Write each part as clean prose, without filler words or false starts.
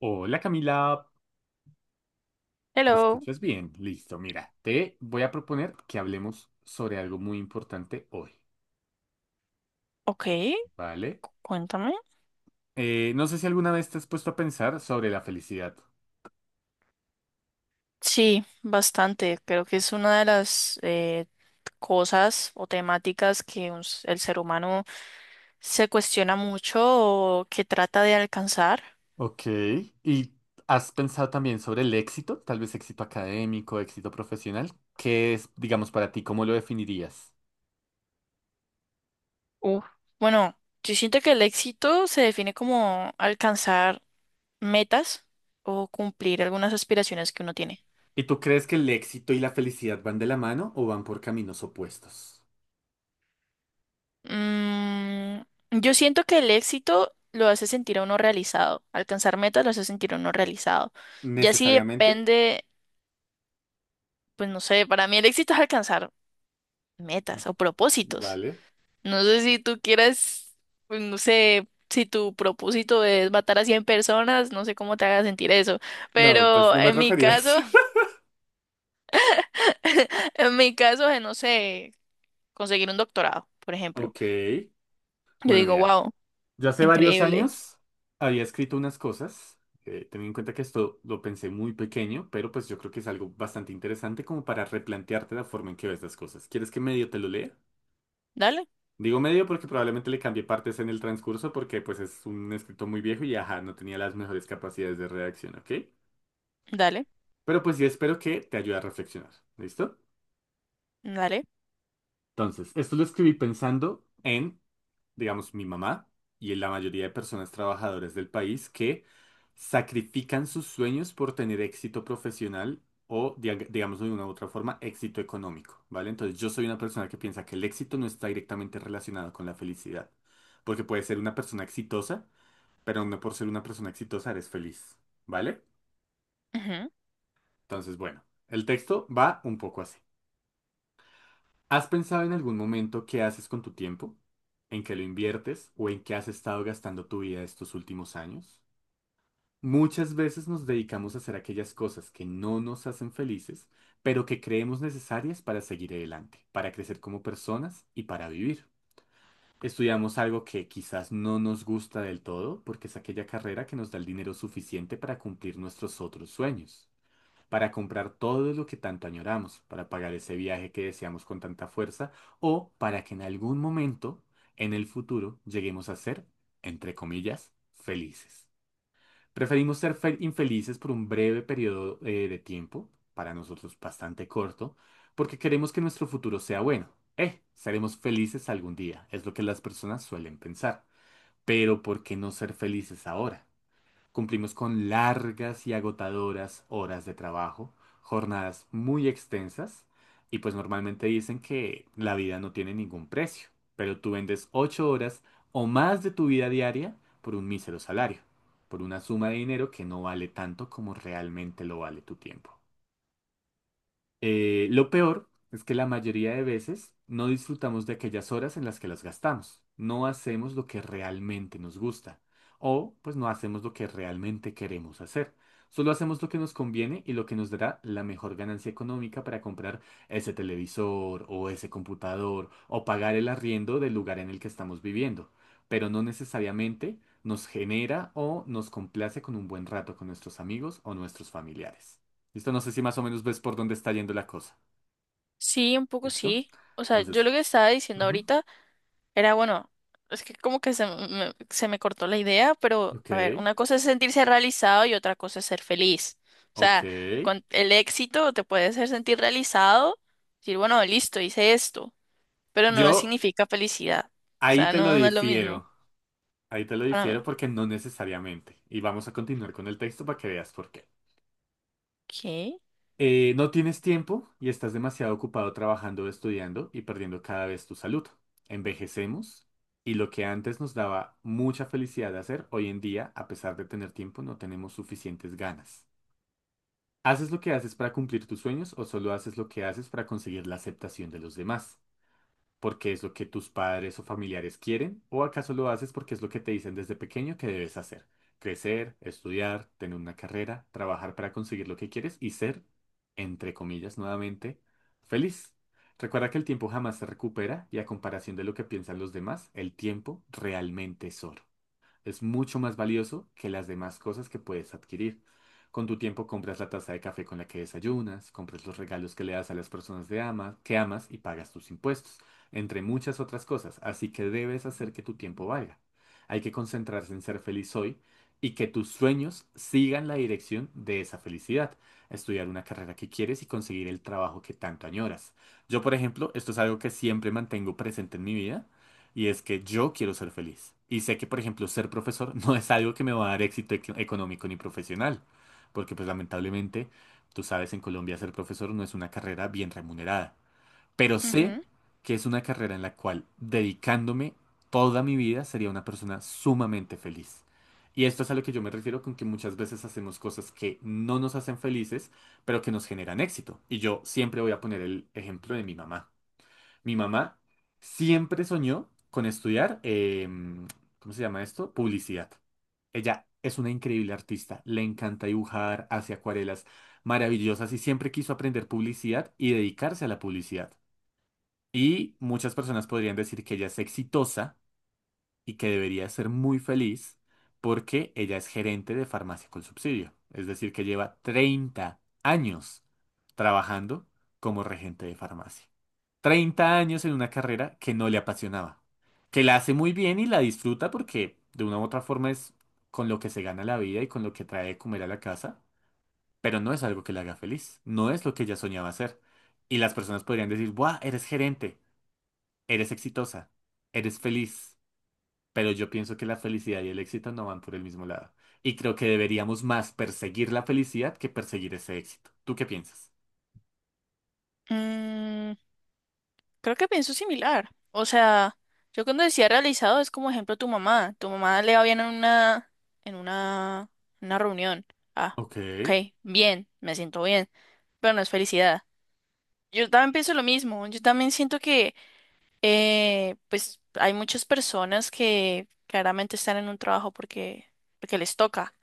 Hola Camila, ¿me Hello, escuchas bien? Listo, mira, te voy a proponer que hablemos sobre algo muy importante hoy, ok, ¿vale? cuéntame. No sé si alguna vez te has puesto a pensar sobre la felicidad. Sí, bastante. Creo que es una de las cosas o temáticas que el ser humano se cuestiona mucho o que trata de alcanzar. Ok, ¿y has pensado también sobre el éxito? Tal vez éxito académico, éxito profesional. ¿Qué es, digamos, para ti? ¿Cómo lo definirías? Uf. Bueno, yo siento que el éxito se define como alcanzar metas o cumplir algunas aspiraciones que uno tiene. ¿Y tú crees que el éxito y la felicidad van de la mano o van por caminos opuestos? Mm, yo siento que el éxito lo hace sentir a uno realizado, alcanzar metas lo hace sentir a uno realizado. Ya si ¿Necesariamente? depende, pues no sé, para mí el éxito es alcanzar metas o propósitos. Vale. No sé si tú quieras, pues no sé, si tu propósito es matar a 100 personas, no sé cómo te haga sentir eso, No, pues pero no me en mi refería a caso, eso. en mi caso, no sé, conseguir un doctorado, por ejemplo. Ok. Yo Bueno, digo, mira. wow, Yo hace varios increíble. años había escrito unas cosas, teniendo en cuenta que esto lo pensé muy pequeño, pero pues yo creo que es algo bastante interesante como para replantearte la forma en que ves las cosas. ¿Quieres que medio te lo lea? Dale, Digo medio porque probablemente le cambié partes en el transcurso porque pues es un escrito muy viejo y ajá, no tenía las mejores capacidades de redacción, ¿ok? dale, Pero pues sí espero que te ayude a reflexionar, ¿listo? dale. Entonces, esto lo escribí pensando en digamos, mi mamá y la mayoría de personas trabajadoras del país que sacrifican sus sueños por tener éxito profesional o, digamos, de una u otra forma, éxito económico, ¿vale? Entonces, yo soy una persona que piensa que el éxito no está directamente relacionado con la felicidad, porque puedes ser una persona exitosa, pero no por ser una persona exitosa eres feliz, ¿vale? Ujú. Entonces, bueno, el texto va un poco así. ¿Has pensado en algún momento qué haces con tu tiempo? ¿En qué lo inviertes o en qué has estado gastando tu vida estos últimos años? Muchas veces nos dedicamos a hacer aquellas cosas que no nos hacen felices, pero que creemos necesarias para seguir adelante, para crecer como personas y para vivir. Estudiamos algo que quizás no nos gusta del todo porque es aquella carrera que nos da el dinero suficiente para cumplir nuestros otros sueños para comprar todo lo que tanto añoramos, para pagar ese viaje que deseamos con tanta fuerza, o para que en algún momento, en el futuro, lleguemos a ser, entre comillas, felices. Preferimos ser infelices por un breve periodo de tiempo, para nosotros bastante corto, porque queremos que nuestro futuro sea bueno. Seremos felices algún día, es lo que las personas suelen pensar. Pero ¿por qué no ser felices ahora? Cumplimos con largas y agotadoras horas de trabajo, jornadas muy extensas y pues normalmente dicen que la vida no tiene ningún precio, pero tú vendes 8 horas o más de tu vida diaria por un mísero salario, por una suma de dinero que no vale tanto como realmente lo vale tu tiempo. Lo peor es que la mayoría de veces no disfrutamos de aquellas horas en las que las gastamos. No hacemos lo que realmente nos gusta. O pues no hacemos lo que realmente queremos hacer. Solo hacemos lo que nos conviene y lo que nos dará la mejor ganancia económica para comprar ese televisor o ese computador o pagar el arriendo del lugar en el que estamos viviendo. Pero no necesariamente nos genera o nos complace con un buen rato con nuestros amigos o nuestros familiares. ¿Listo? No sé si más o menos ves por dónde está yendo la cosa. Sí, un poco ¿Listo? sí. O sea, yo Entonces, lo que estaba diciendo ujú, ahorita era, bueno, es que como que se me cortó la idea, pero ok, a ver, una cosa es sentirse realizado y otra cosa es ser feliz. O sea, ok. con el éxito te puede hacer sentir realizado, decir, bueno, listo, hice esto, pero no Yo significa felicidad. O ahí sea, te lo no es lo mismo. difiero. Ahí te lo Para… difiero porque no necesariamente. Y vamos a continuar con el texto para que veas por qué. ¿Qué? No tienes tiempo y estás demasiado ocupado trabajando o estudiando y perdiendo cada vez tu salud. Envejecemos y lo que antes nos daba mucha felicidad de hacer, hoy en día, a pesar de tener tiempo, no tenemos suficientes ganas. ¿Haces lo que haces para cumplir tus sueños o solo haces lo que haces para conseguir la aceptación de los demás? ¿Porque es lo que tus padres o familiares quieren? ¿O acaso lo haces porque es lo que te dicen desde pequeño que debes hacer? Crecer, estudiar, tener una carrera, trabajar para conseguir lo que quieres y ser, entre comillas, nuevamente, feliz. Recuerda que el tiempo jamás se recupera y a comparación de lo que piensan los demás, el tiempo realmente es oro es mucho más valioso que las demás cosas que puedes adquirir. Con tu tiempo compras la taza de café con la que desayunas, compras los regalos que le das a las personas que amas y pagas tus impuestos, entre muchas otras cosas. Así que debes hacer que tu tiempo valga. Hay que concentrarse en ser feliz hoy y que tus sueños sigan la dirección de esa felicidad. Estudiar una carrera que quieres y conseguir el trabajo que tanto añoras. Yo, por ejemplo, esto es algo que siempre mantengo presente en mi vida. Y es que yo quiero ser feliz. Y sé que, por ejemplo, ser profesor no es algo que me va a dar éxito económico ni profesional. Porque, pues, lamentablemente, tú sabes, en Colombia ser profesor no es una carrera bien remunerada. Pero sé Ujú. que es una carrera en la cual, dedicándome toda mi vida, sería una persona sumamente feliz. Y esto es a lo que yo me refiero con que muchas veces hacemos cosas que no nos hacen felices, pero que nos generan éxito. Y yo siempre voy a poner el ejemplo de mi mamá. Mi mamá siempre soñó con estudiar, ¿cómo se llama esto? Publicidad. Ella es una increíble artista, le encanta dibujar, hace acuarelas maravillosas y siempre quiso aprender publicidad y dedicarse a la publicidad. Y muchas personas podrían decir que ella es exitosa y que debería ser muy feliz porque ella es gerente de farmacia con subsidio, es decir, que lleva 30 años trabajando como regente de farmacia. 30 años en una carrera que no le apasionaba, que la hace muy bien y la disfruta porque de una u otra forma es con lo que se gana la vida y con lo que trae de comer a la casa, pero no es algo que la haga feliz, no es lo que ella soñaba hacer. Y las personas podrían decir, ¡buah, eres gerente, eres exitosa, eres feliz! Pero yo pienso que la felicidad y el éxito no van por el mismo lado. Y creo que deberíamos más perseguir la felicidad que perseguir ese éxito. ¿Tú qué piensas? Mm. Creo que pienso similar. O sea, yo cuando decía realizado es como ejemplo tu mamá. Tu mamá le va bien en una, una reunión. Ah, Ok, ok, bien, me siento bien, pero no es felicidad. Yo también pienso lo mismo. Yo también siento que, pues, hay muchas personas que claramente están en un trabajo porque les toca,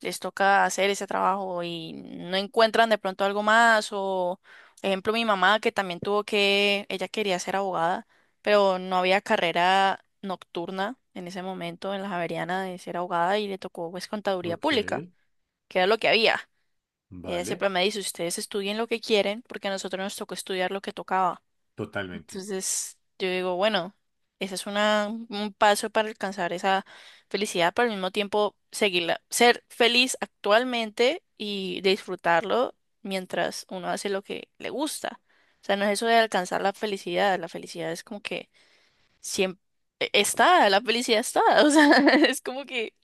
les toca hacer ese trabajo y no encuentran de pronto algo más o, ejemplo, mi mamá que también tuvo que, ella quería ser abogada, pero no había carrera nocturna en ese momento en la Javeriana de ser abogada y le tocó pues contaduría ok, pública, que era lo que había. Y ella vale, siempre me dice, ustedes estudien lo que quieren porque a nosotros nos tocó estudiar lo que tocaba. totalmente. Entonces, yo digo, bueno, ese un paso para alcanzar esa felicidad, pero al mismo tiempo seguirla, ser feliz actualmente y disfrutarlo mientras uno hace lo que le gusta. O sea, no es eso de alcanzar la felicidad es como que siempre está, la felicidad está, o sea, es como que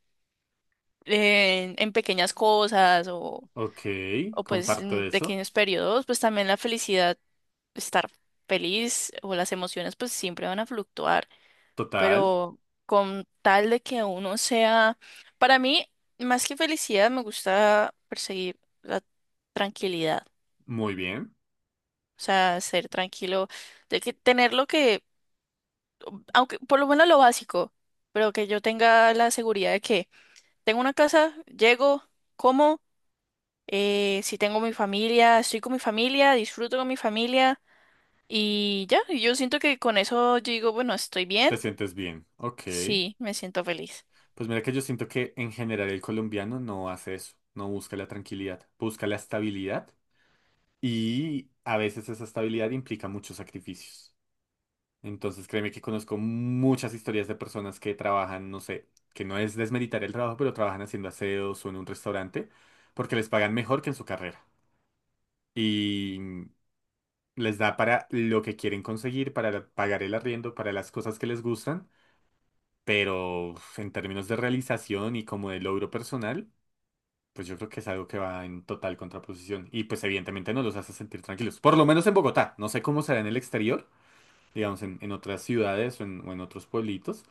en pequeñas cosas Ok, o pues comparto en eso. pequeños periodos, pues también la felicidad estar feliz o las emociones pues siempre van a fluctuar, Total, pero con tal de que uno sea, para mí, más que felicidad, me gusta perseguir la tranquilidad, muy bien. o sea, ser tranquilo, de que tener lo que, aunque por lo menos lo básico, pero que yo tenga la seguridad de que tengo una casa, llego, como, si tengo mi familia, estoy con mi familia, disfruto con mi familia. Y ya, y yo siento que con eso yo digo, bueno, estoy bien. Te sientes bien. Ok. Sí, me siento feliz. Pues mira que yo siento que en general el colombiano no hace eso, no busca la tranquilidad, busca la estabilidad y a veces esa estabilidad implica muchos sacrificios. Entonces créeme que conozco muchas historias de personas que trabajan, no sé, que no es desmeritar el trabajo, pero trabajan haciendo aseos o en un restaurante porque les pagan mejor que en su carrera. Y les da para lo que quieren conseguir, para pagar el arriendo, para las cosas que les gustan, pero uf, en términos de realización y como de logro personal, pues yo creo que es algo que va en total contraposición y pues evidentemente no los hace sentir tranquilos, por lo menos en Bogotá, no sé cómo será en el exterior, digamos, en otras ciudades o en otros pueblitos,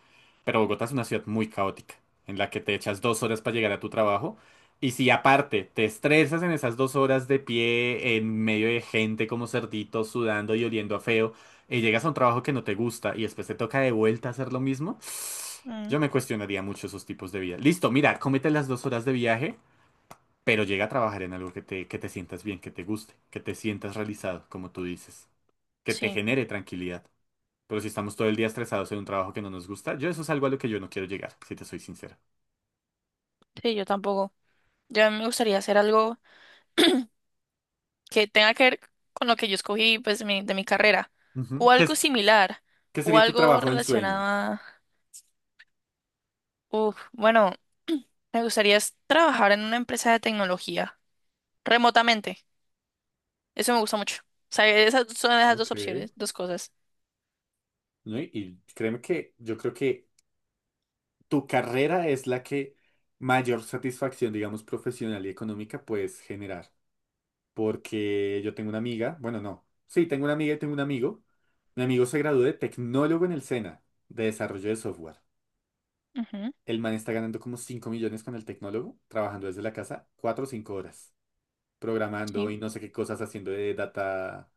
pero Bogotá es una ciudad muy caótica, en la que te echas 2 horas para llegar a tu trabajo, y si aparte te estresas en esas 2 horas de pie, en medio de gente como cerdito, sudando y oliendo a feo, y llegas a un trabajo que no te gusta y después te toca de vuelta hacer lo mismo, Mm, yo me cuestionaría mucho esos tipos de vida. Listo, mira, cómete las 2 horas de viaje. Pero llega a trabajar en algo que te sientas bien, que te guste, que te sientas realizado, como tú dices, que te sí, genere tranquilidad. Pero si estamos todo el día estresados en un trabajo que no nos gusta, yo eso es algo a lo que yo no quiero llegar, si te soy sincero. sí, yo tampoco. Yo me gustaría hacer algo que tenga que ver con lo que yo escogí, pues, mi- de mi carrera. Ujú. O ¿Qué, algo similar. qué O sería tu algo trabajo en relacionado sueño? a… Uf, bueno, me gustaría es trabajar en una empresa de tecnología. Remotamente. Eso me gusta mucho. O sea, esas son esas dos Ok. opciones, dos cosas. ¿No? Y créeme que yo creo que tu carrera es la que mayor satisfacción, digamos, profesional y económica puedes generar. Porque yo tengo una amiga, bueno, no. Sí, tengo una amiga y tengo un amigo. Mi amigo se graduó de tecnólogo en el SENA, de desarrollo de software. Ujú, El man está ganando como 5 millones con el tecnólogo, trabajando desde la casa 4 o 5 horas, programando sí. y no sé qué cosas haciendo de data,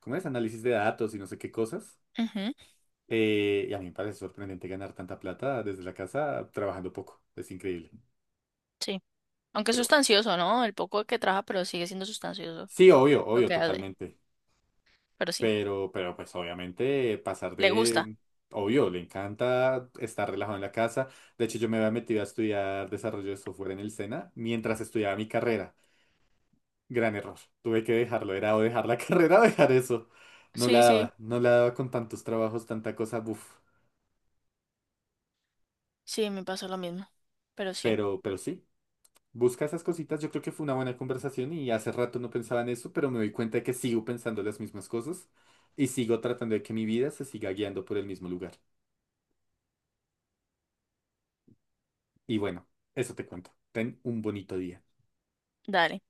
¿cómo es? Análisis de datos y no sé qué cosas. Ujú, Y a mí me parece sorprendente ganar tanta plata desde la casa trabajando poco. Es increíble. sí. Aunque es Pero sustancioso, ¿no? El poco que trabaja, pero sigue siendo sustancioso sí, obvio, lo obvio, que hace. totalmente. Pero sí. Pero pues obviamente pasar Le gusta. de, obvio, le encanta estar relajado en la casa. De hecho, yo me había metido a estudiar desarrollo de software en el SENA mientras estudiaba mi carrera. Gran error. Tuve que dejarlo. Era o dejar la carrera o dejar eso. No la Sí, sí. daba. No la daba con tantos trabajos, tanta cosa. Buf. Sí, me pasó lo mismo. Pero sí, Pero sí. Busca esas cositas. Yo creo que fue una buena conversación y hace rato no pensaba en eso, pero me doy cuenta de que sigo pensando las mismas cosas y sigo tratando de que mi vida se siga guiando por el mismo lugar. Y bueno, eso te cuento. Ten un bonito día. dale.